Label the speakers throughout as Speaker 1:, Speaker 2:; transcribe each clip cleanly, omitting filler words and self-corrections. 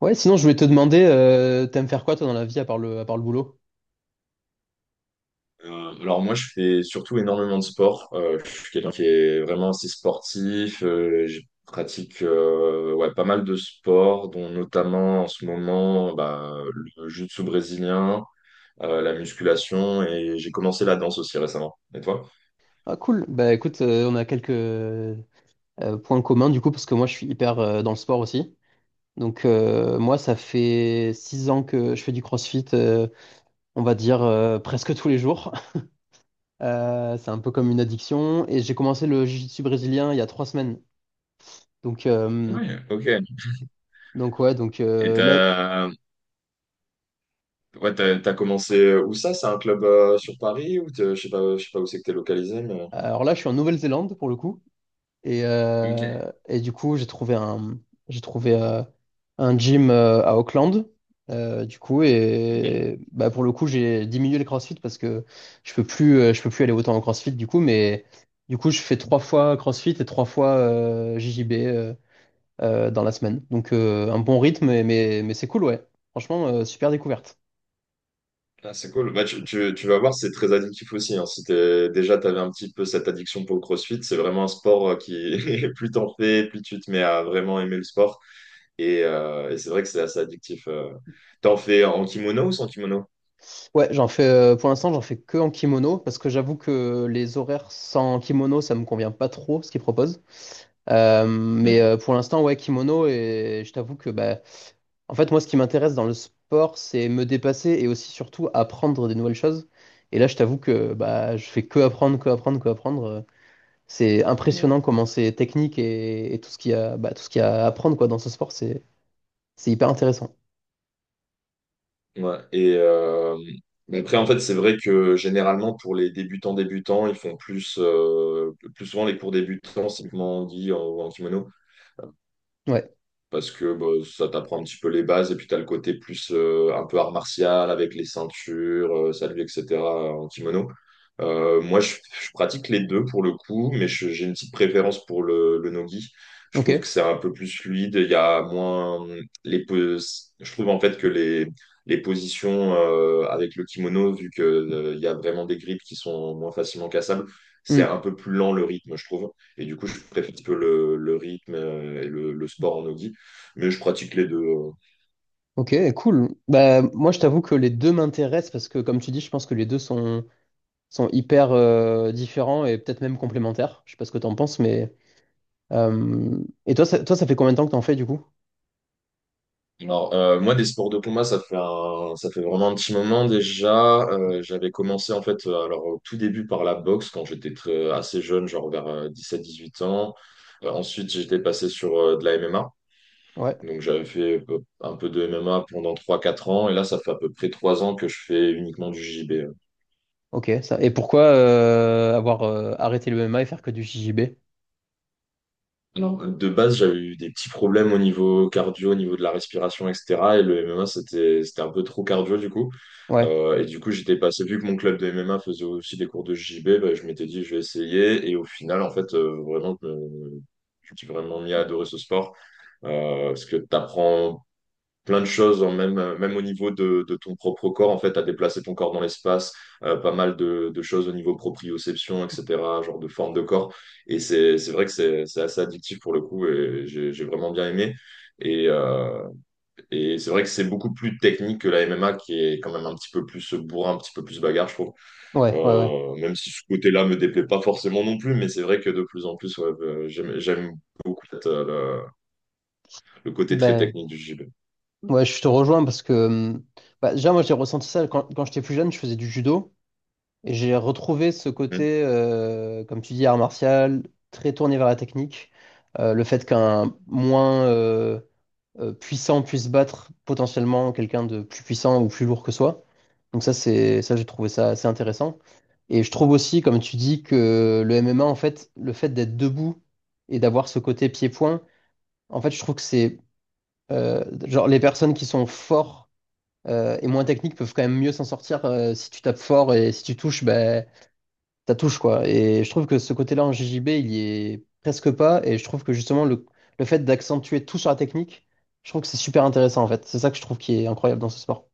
Speaker 1: Ouais, sinon je voulais te demander, t'aimes faire quoi toi dans la vie à part le boulot?
Speaker 2: Alors moi, je fais surtout énormément de sport. Je suis quelqu'un qui est vraiment assez sportif. Je pratique ouais, pas mal de sports, dont notamment en ce moment bah, le jiu-jitsu brésilien, la musculation, et j'ai commencé la danse aussi récemment. Et toi?
Speaker 1: Ah cool. Bah écoute, on a quelques points communs du coup parce que moi je suis hyper dans le sport aussi. Donc moi ça fait 6 ans que je fais du CrossFit, on va dire presque tous les jours. C'est un peu comme une addiction et j'ai commencé le jiu-jitsu brésilien il y a 3 semaines. Donc euh,
Speaker 2: Oui, ok.
Speaker 1: Donc ouais,
Speaker 2: Et
Speaker 1: là,
Speaker 2: t'as Ouais, t'as commencé où ça? C'est un club sur Paris ou je sais pas, où c'est que t'es localisé, mais...
Speaker 1: alors là, je suis en Nouvelle-Zélande pour le coup, et du coup, j'ai trouvé un gym à Auckland, du coup,
Speaker 2: Ok.
Speaker 1: et bah pour le coup, j'ai diminué le CrossFit parce que je peux plus aller autant en CrossFit du coup, mais du coup, je fais trois fois CrossFit et trois fois JJB dans la semaine, donc un bon rythme, mais c'est cool, ouais. Franchement, super découverte.
Speaker 2: Ah, c'est cool. Bah, tu vas voir, c'est très addictif aussi, hein. Si déjà, tu avais un petit peu cette addiction pour le CrossFit, c'est vraiment un sport qui, plus t'en fais, plus tu te mets à vraiment aimer le sport. Et c'est vrai que c'est assez addictif. T'en fais en kimono ou sans kimono?
Speaker 1: Ouais, j'en fais pour l'instant, j'en fais que en kimono parce que j'avoue que les horaires sans kimono, ça me convient pas trop ce qu'ils proposent. Mais
Speaker 2: Mhm.
Speaker 1: pour l'instant, ouais, kimono et je t'avoue que bah, en fait, moi, ce qui m'intéresse dans le sport, c'est me dépasser et aussi surtout apprendre des nouvelles choses. Et là, je t'avoue que bah, je fais que apprendre, que apprendre, que apprendre. C'est
Speaker 2: Mhm.
Speaker 1: impressionnant comment c'est technique et tout ce qu'il y a, bah, tout ce qu'il y a à apprendre quoi dans ce sport, c'est hyper intéressant.
Speaker 2: Ouais. Mais après, en fait, c'est vrai que généralement, pour les débutants débutants, ils font plus souvent les cours débutants, simplement dit, en kimono.
Speaker 1: Ouais.
Speaker 2: Parce que bah, ça t'apprend un petit peu les bases et puis t'as le côté plus un peu art martial avec les ceintures, salut, etc. En kimono. Moi, je pratique les deux pour le coup, mais j'ai une petite préférence pour le nogi. Je
Speaker 1: Ok.
Speaker 2: trouve que c'est un peu plus fluide. Il y a moins les pos- Je trouve en fait que les positions avec le kimono, vu que il y a vraiment des grips qui sont moins facilement cassables, c'est
Speaker 1: Hmm.
Speaker 2: un peu plus lent le rythme, je trouve. Et du coup, je préfère un petit peu le rythme et le sport en nogi. Mais je pratique les deux.
Speaker 1: Ok, cool. Bah, moi, je t'avoue que les deux m'intéressent parce que, comme tu dis, je pense que les deux sont hyper différents et peut-être même complémentaires. Je sais pas ce que t'en penses, mais. Euh, Et toi, ça fait combien de temps que t'en fais, du coup?
Speaker 2: Alors, moi, des sports de combat, ça fait ça fait vraiment un petit moment déjà. J'avais commencé, en fait, alors au tout début par la boxe quand j'étais assez jeune, genre vers 17, 18 ans. Ensuite, j'étais passé sur de la MMA.
Speaker 1: Ouais.
Speaker 2: Donc, j'avais fait un peu de MMA pendant 3, 4 ans. Et là, ça fait à peu près 3 ans que je fais uniquement du JB.
Speaker 1: Ok, ça. Et pourquoi avoir arrêté le MMA et faire que du JJB?
Speaker 2: Alors, de base, j'avais eu des petits problèmes au niveau cardio, au niveau de la respiration, etc. Et le MMA, c'était un peu trop cardio, du coup.
Speaker 1: Ouais,
Speaker 2: Et du coup, j'étais passé, vu que mon club de MMA faisait aussi des cours de JB, bah, je m'étais dit, je vais essayer. Et au final, en fait, vraiment, je me suis vraiment mis à adorer ce sport. Parce que tu apprends plein de choses, hein, même au niveau de ton propre corps, en fait, à déplacer ton corps dans l'espace, pas mal de choses au niveau proprioception, etc., genre de forme de corps. Et c'est vrai que c'est assez addictif pour le coup, et j'ai vraiment bien aimé. Et, euh, et c'est vrai que c'est beaucoup plus technique que la MMA, qui est quand même un petit peu plus bourrin, un petit peu plus bagarre, je trouve.
Speaker 1: ouais, ouais, ouais.
Speaker 2: Même si ce côté-là me déplaît pas forcément non plus, mais c'est vrai que de plus en plus, ouais, j'aime beaucoup peut-être, le côté très
Speaker 1: Ben,
Speaker 2: technique du JB.
Speaker 1: ouais, je te rejoins parce que, bah, déjà, moi, j'ai ressenti ça quand j'étais plus jeune, je faisais du judo. Et j'ai retrouvé ce côté, comme tu dis, art martial, très tourné vers la technique. Le fait qu'un moins puissant puisse battre potentiellement quelqu'un de plus puissant ou plus lourd que soi. Donc ça, c'est ça, j'ai trouvé ça assez intéressant. Et je trouve aussi, comme tu dis, que le MMA, en fait, le fait d'être debout et d'avoir ce côté pied-point, en fait, je trouve que c'est genre les personnes qui sont forts et moins techniques peuvent quand même mieux s'en sortir si tu tapes fort et si tu touches, ben ta touche, quoi. Et je trouve que ce côté-là en JJB, il y est presque pas. Et je trouve que justement, le fait d'accentuer tout sur la technique, je trouve que c'est super intéressant, en fait. C'est ça que je trouve qui est incroyable dans ce sport.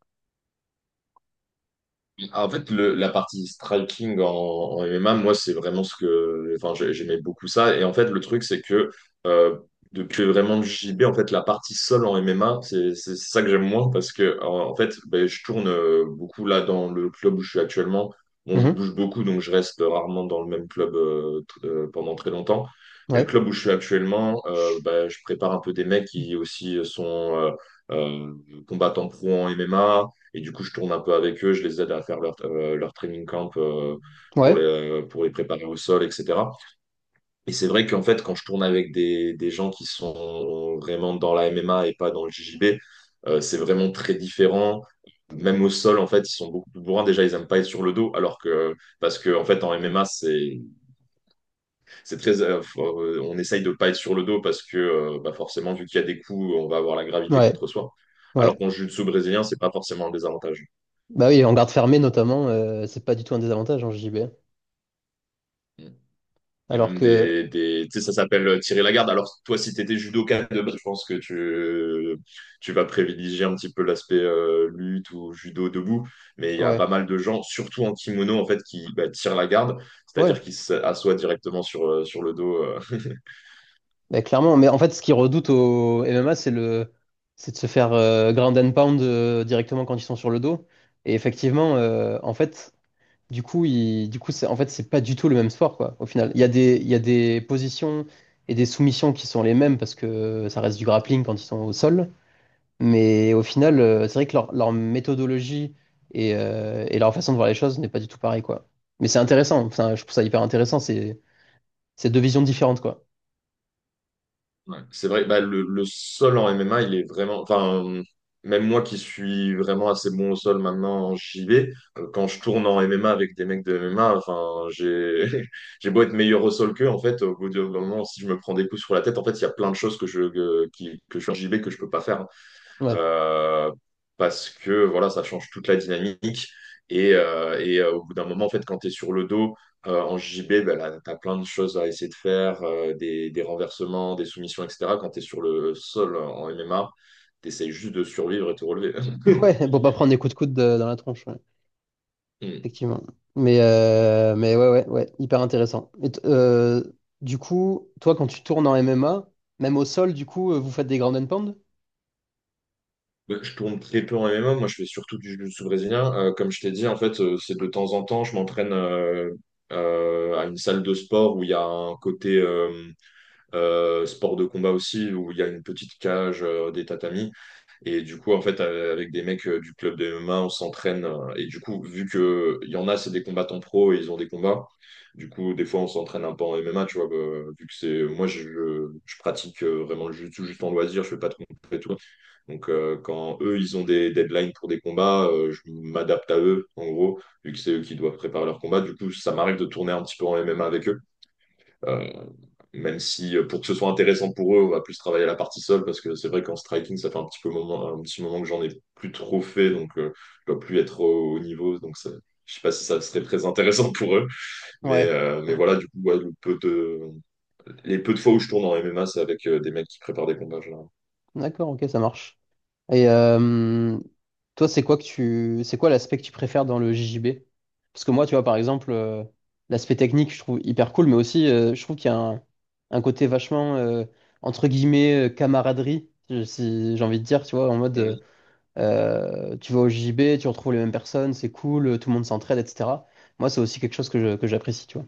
Speaker 2: Ah, en fait, la partie striking en MMA, moi, c'est vraiment ce que. Enfin, j'aimais beaucoup ça. Et en fait, le truc, c'est que euh, depuis vraiment le JB, en fait, la partie sol en MMA, c'est ça que j'aime moins parce que, en fait, ben, je tourne beaucoup là dans le club où je suis actuellement. Bon, je
Speaker 1: Mhm.
Speaker 2: bouge beaucoup, donc je reste rarement dans le même club pendant très longtemps. Mais le
Speaker 1: Ouais,
Speaker 2: club où je suis actuellement, ben, je prépare un peu des mecs qui aussi sont euh, combattants pro en MMA. Et du coup, je tourne un peu avec eux, je les aide à faire leur training camp, pour les,
Speaker 1: ouais,
Speaker 2: euh, pour les préparer au sol, etc. Et c'est vrai qu'en fait, quand je tourne avec des gens qui sont vraiment dans la MMA et pas dans le JJB, c'est vraiment très différent. Même au sol, en fait, ils sont beaucoup plus bourrins. Déjà, ils n'aiment pas être sur le dos, alors que, parce que, en fait, en MMA, c'est très, euh, on essaye de pas être sur le dos parce que, bah, forcément, vu qu'il y a des coups, on va avoir la gravité
Speaker 1: ouais,
Speaker 2: contre soi. Alors
Speaker 1: ouais.
Speaker 2: qu'en jiu-jitsu brésilien, c'est pas forcément un désavantage.
Speaker 1: Bah oui, en garde fermée, notamment, c'est pas du tout un désavantage en JJB.
Speaker 2: Mm. Il y a
Speaker 1: Alors
Speaker 2: même
Speaker 1: que,
Speaker 2: des tu sais, ça s'appelle tirer la garde. Alors, toi, si tu étais judoka de base, je pense que tu vas privilégier un petit peu l'aspect lutte ou judo debout. Mais il y a pas
Speaker 1: ouais,
Speaker 2: mal de gens, surtout en kimono, en fait, qui bah, tirent la garde,
Speaker 1: ouais,
Speaker 2: c'est-à-dire qui s'assoient directement sur le dos.
Speaker 1: bah, clairement. Mais en fait, ce qu'ils redoutent au MMA, c'est c'est de se faire ground and pound directement quand ils sont sur le dos. Et effectivement, en fait, du coup, c'est, en fait, c'est pas du tout le même sport, quoi, au final. Il y a des positions et des soumissions qui sont les mêmes parce que ça reste du grappling quand ils sont au sol. Mais au final, c'est vrai que leur méthodologie et leur façon de voir les choses n'est pas du tout pareil, quoi. Mais c'est intéressant. Enfin, je trouve ça hyper intéressant. C'est deux visions différentes, quoi.
Speaker 2: Ouais, c'est vrai, bah, le sol en MMA, il est vraiment. Enfin, même moi qui suis vraiment assez bon au sol maintenant en JV, quand je tourne en MMA avec des mecs de MMA, enfin, j'ai j'ai beau être meilleur au sol qu'eux, en fait, au bout d'un moment, si je me prends des coups sur la tête, en fait, il y a plein de choses que je fais en JV que je peux pas faire
Speaker 1: Ouais.
Speaker 2: euh, parce que voilà, ça change toute la dynamique. Au bout d'un moment, en fait, quand tu es sur le dos en JB, ben, là, tu as plein de choses à essayer de faire, des renversements, des soumissions, etc. Quand tu es sur le sol en MMA, tu essayes juste de survivre et te relever.
Speaker 1: Ouais, pour pas prendre des coups de coude dans la tronche. Ouais.
Speaker 2: Hmm.
Speaker 1: Effectivement. Mais, ouais, ouais, ouais, hyper intéressant. Du coup, toi, quand tu tournes en MMA, même au sol, du coup, vous faites des ground and pound?
Speaker 2: Ben, je tourne très peu en MMA, moi je fais surtout du jiu-jitsu brésilien. Comme je t'ai dit, en fait, c'est de temps en temps, je m'entraîne à une salle de sport où il y a un côté sport de combat aussi, où il y a une petite cage, des tatamis. Et du coup, en fait, avec des mecs du club de MMA, on s'entraîne. Et du coup, vu que il y en a, c'est des combattants pro et ils ont des combats, du coup, des fois, on s'entraîne un peu en MMA, tu vois, bah, vu que c'est... Moi, je pratique vraiment le jiu-jitsu juste en loisir, je fais pas de compétition et tout. Donc, quand eux, ils ont des deadlines pour des combats, je m'adapte à eux, en gros, vu que c'est eux qui doivent préparer leur combat. Du coup, ça m'arrive de tourner un petit peu en MMA avec eux. Euh, Même si pour que ce soit intéressant pour eux, on va plus travailler à la partie sol parce que c'est vrai qu'en striking, ça fait un petit moment que j'en ai plus trop fait, donc je dois plus être au niveau, donc ça, je sais pas si ça serait très intéressant pour eux, mais
Speaker 1: Ouais,
Speaker 2: mais voilà, du coup, ouais, le peu de les peu de fois où je tourne en MMA, c'est avec des mecs qui préparent des combats, généralement.
Speaker 1: d'accord, ok, ça marche. Et toi, c'est quoi l'aspect que tu préfères dans le JJB? Parce que moi, tu vois, par exemple, l'aspect technique, je trouve hyper cool, mais aussi, je trouve qu'il y a un côté vachement, entre guillemets, camaraderie, si j'ai envie de dire, tu vois, en mode. Tu vas au JB, tu retrouves les mêmes personnes, c'est cool, tout le monde s'entraide, etc. Moi, c'est aussi quelque chose que j'apprécie, tu vois.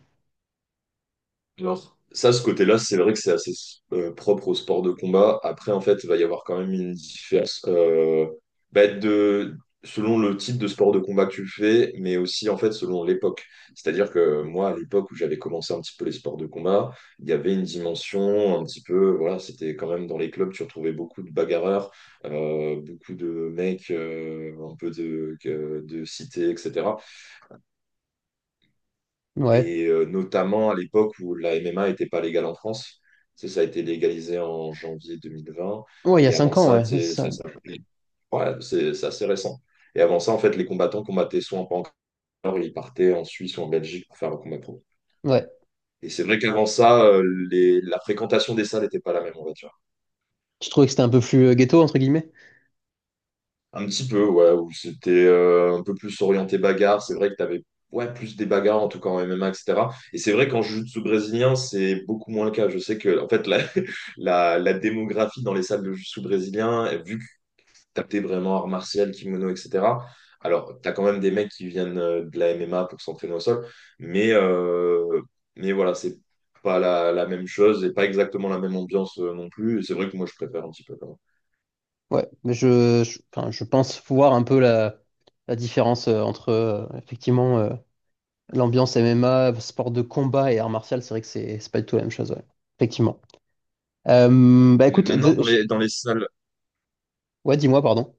Speaker 2: Non. Ça, ce côté-là, c'est vrai que c'est assez propre au sport de combat. Après, en fait, il va y avoir quand même une différence bah, de, selon le type de sport de combat que tu fais, mais aussi, en fait, selon l'époque. C'est-à-dire que moi, à l'époque où j'avais commencé un petit peu les sports de combat, il y avait une dimension un petit peu, voilà, c'était quand même dans les clubs, tu retrouvais beaucoup de bagarreurs, beaucoup de mecs, un peu de cité, etc.
Speaker 1: Ouais.
Speaker 2: Et notamment à l'époque où la MMA n'était pas légale en France. Ça a été légalisé en janvier 2020.
Speaker 1: Ouais, il y a
Speaker 2: Et avant
Speaker 1: 5 ans,
Speaker 2: ça,
Speaker 1: ouais,
Speaker 2: tu
Speaker 1: c'est
Speaker 2: sais,
Speaker 1: ça.
Speaker 2: ouais, c'est assez récent. Et avant ça, en fait, les combattants combattaient soit en Pancor, ils partaient en Suisse ou en Belgique pour faire un combat pro.
Speaker 1: Ouais.
Speaker 2: Et c'est vrai qu'avant ça, la fréquentation des salles n'était pas la même, on va dire.
Speaker 1: Tu trouvais que c'était un peu plus ghetto, entre guillemets?
Speaker 2: Un petit peu, ouais, où c'était un peu plus orienté bagarre. C'est vrai que tu avais ouais, plus des bagarres, en tout cas en MMA, etc. Et cetera. Et c'est vrai qu'en jiu-jitsu brésilien, c'est beaucoup moins le cas. Je sais que, en fait, la, la démographie dans les salles de jiu-jitsu brésilien, vu que tu tapais vraiment art martial, kimono, etc., alors t'as quand même des mecs qui viennent de la MMA pour s'entraîner au sol, mais, euh, mais voilà, c'est pas la même chose et pas exactement la même ambiance non plus. Et c'est vrai que moi, je préfère un petit peu quand même.
Speaker 1: Ouais. Mais enfin, je pense voir un peu la différence entre, effectivement, l'ambiance MMA, sport de combat et art martial. C'est vrai que c'est pas du tout la même chose, ouais. Effectivement. Bah
Speaker 2: Mais
Speaker 1: écoute,
Speaker 2: maintenant,
Speaker 1: ouais, dis-moi, pardon.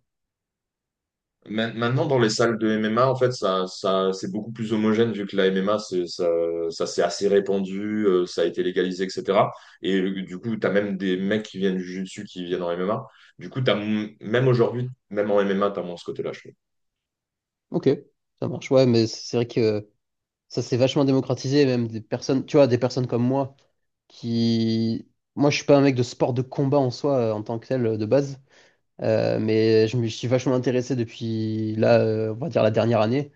Speaker 2: Dans les salles de MMA, en fait, ça, c'est beaucoup plus homogène vu que la MMA, ça s'est assez répandu, ça a été légalisé, etc. Du coup, tu as même des mecs qui viennent du jiu-jitsu qui viennent en MMA. Du coup, t'as, même aujourd'hui, même en MMA, tu as moins ce côté-là, je trouve.
Speaker 1: Ok, ça marche. Ouais, mais c'est vrai que. Ça s'est vachement démocratisé, même des personnes, tu vois, des personnes comme moi qui. Moi, je suis pas un mec de sport de combat en soi, en tant que tel, de base. Mais je me suis vachement intéressé depuis là, on va dire la dernière année.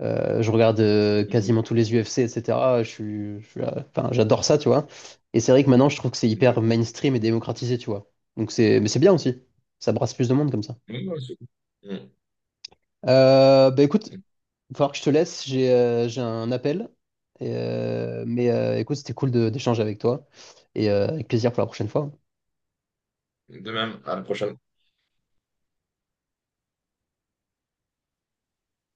Speaker 1: Je regarde quasiment
Speaker 2: Mhm.
Speaker 1: tous les UFC, etc. Enfin, j'adore ça, tu vois. Et c'est vrai que maintenant, je trouve que c'est hyper
Speaker 2: Ok.
Speaker 1: mainstream et démocratisé, tu vois. Mais c'est bien aussi. Ça brasse plus de monde comme ça.
Speaker 2: Ouais, ouais, c'est cool. Mhm.
Speaker 1: Bah écoute, il va falloir que je te laisse, j'ai un appel. Et, mais écoute, c'était cool d'échanger avec toi. Et avec plaisir pour la prochaine fois.
Speaker 2: De même, à la prochaine.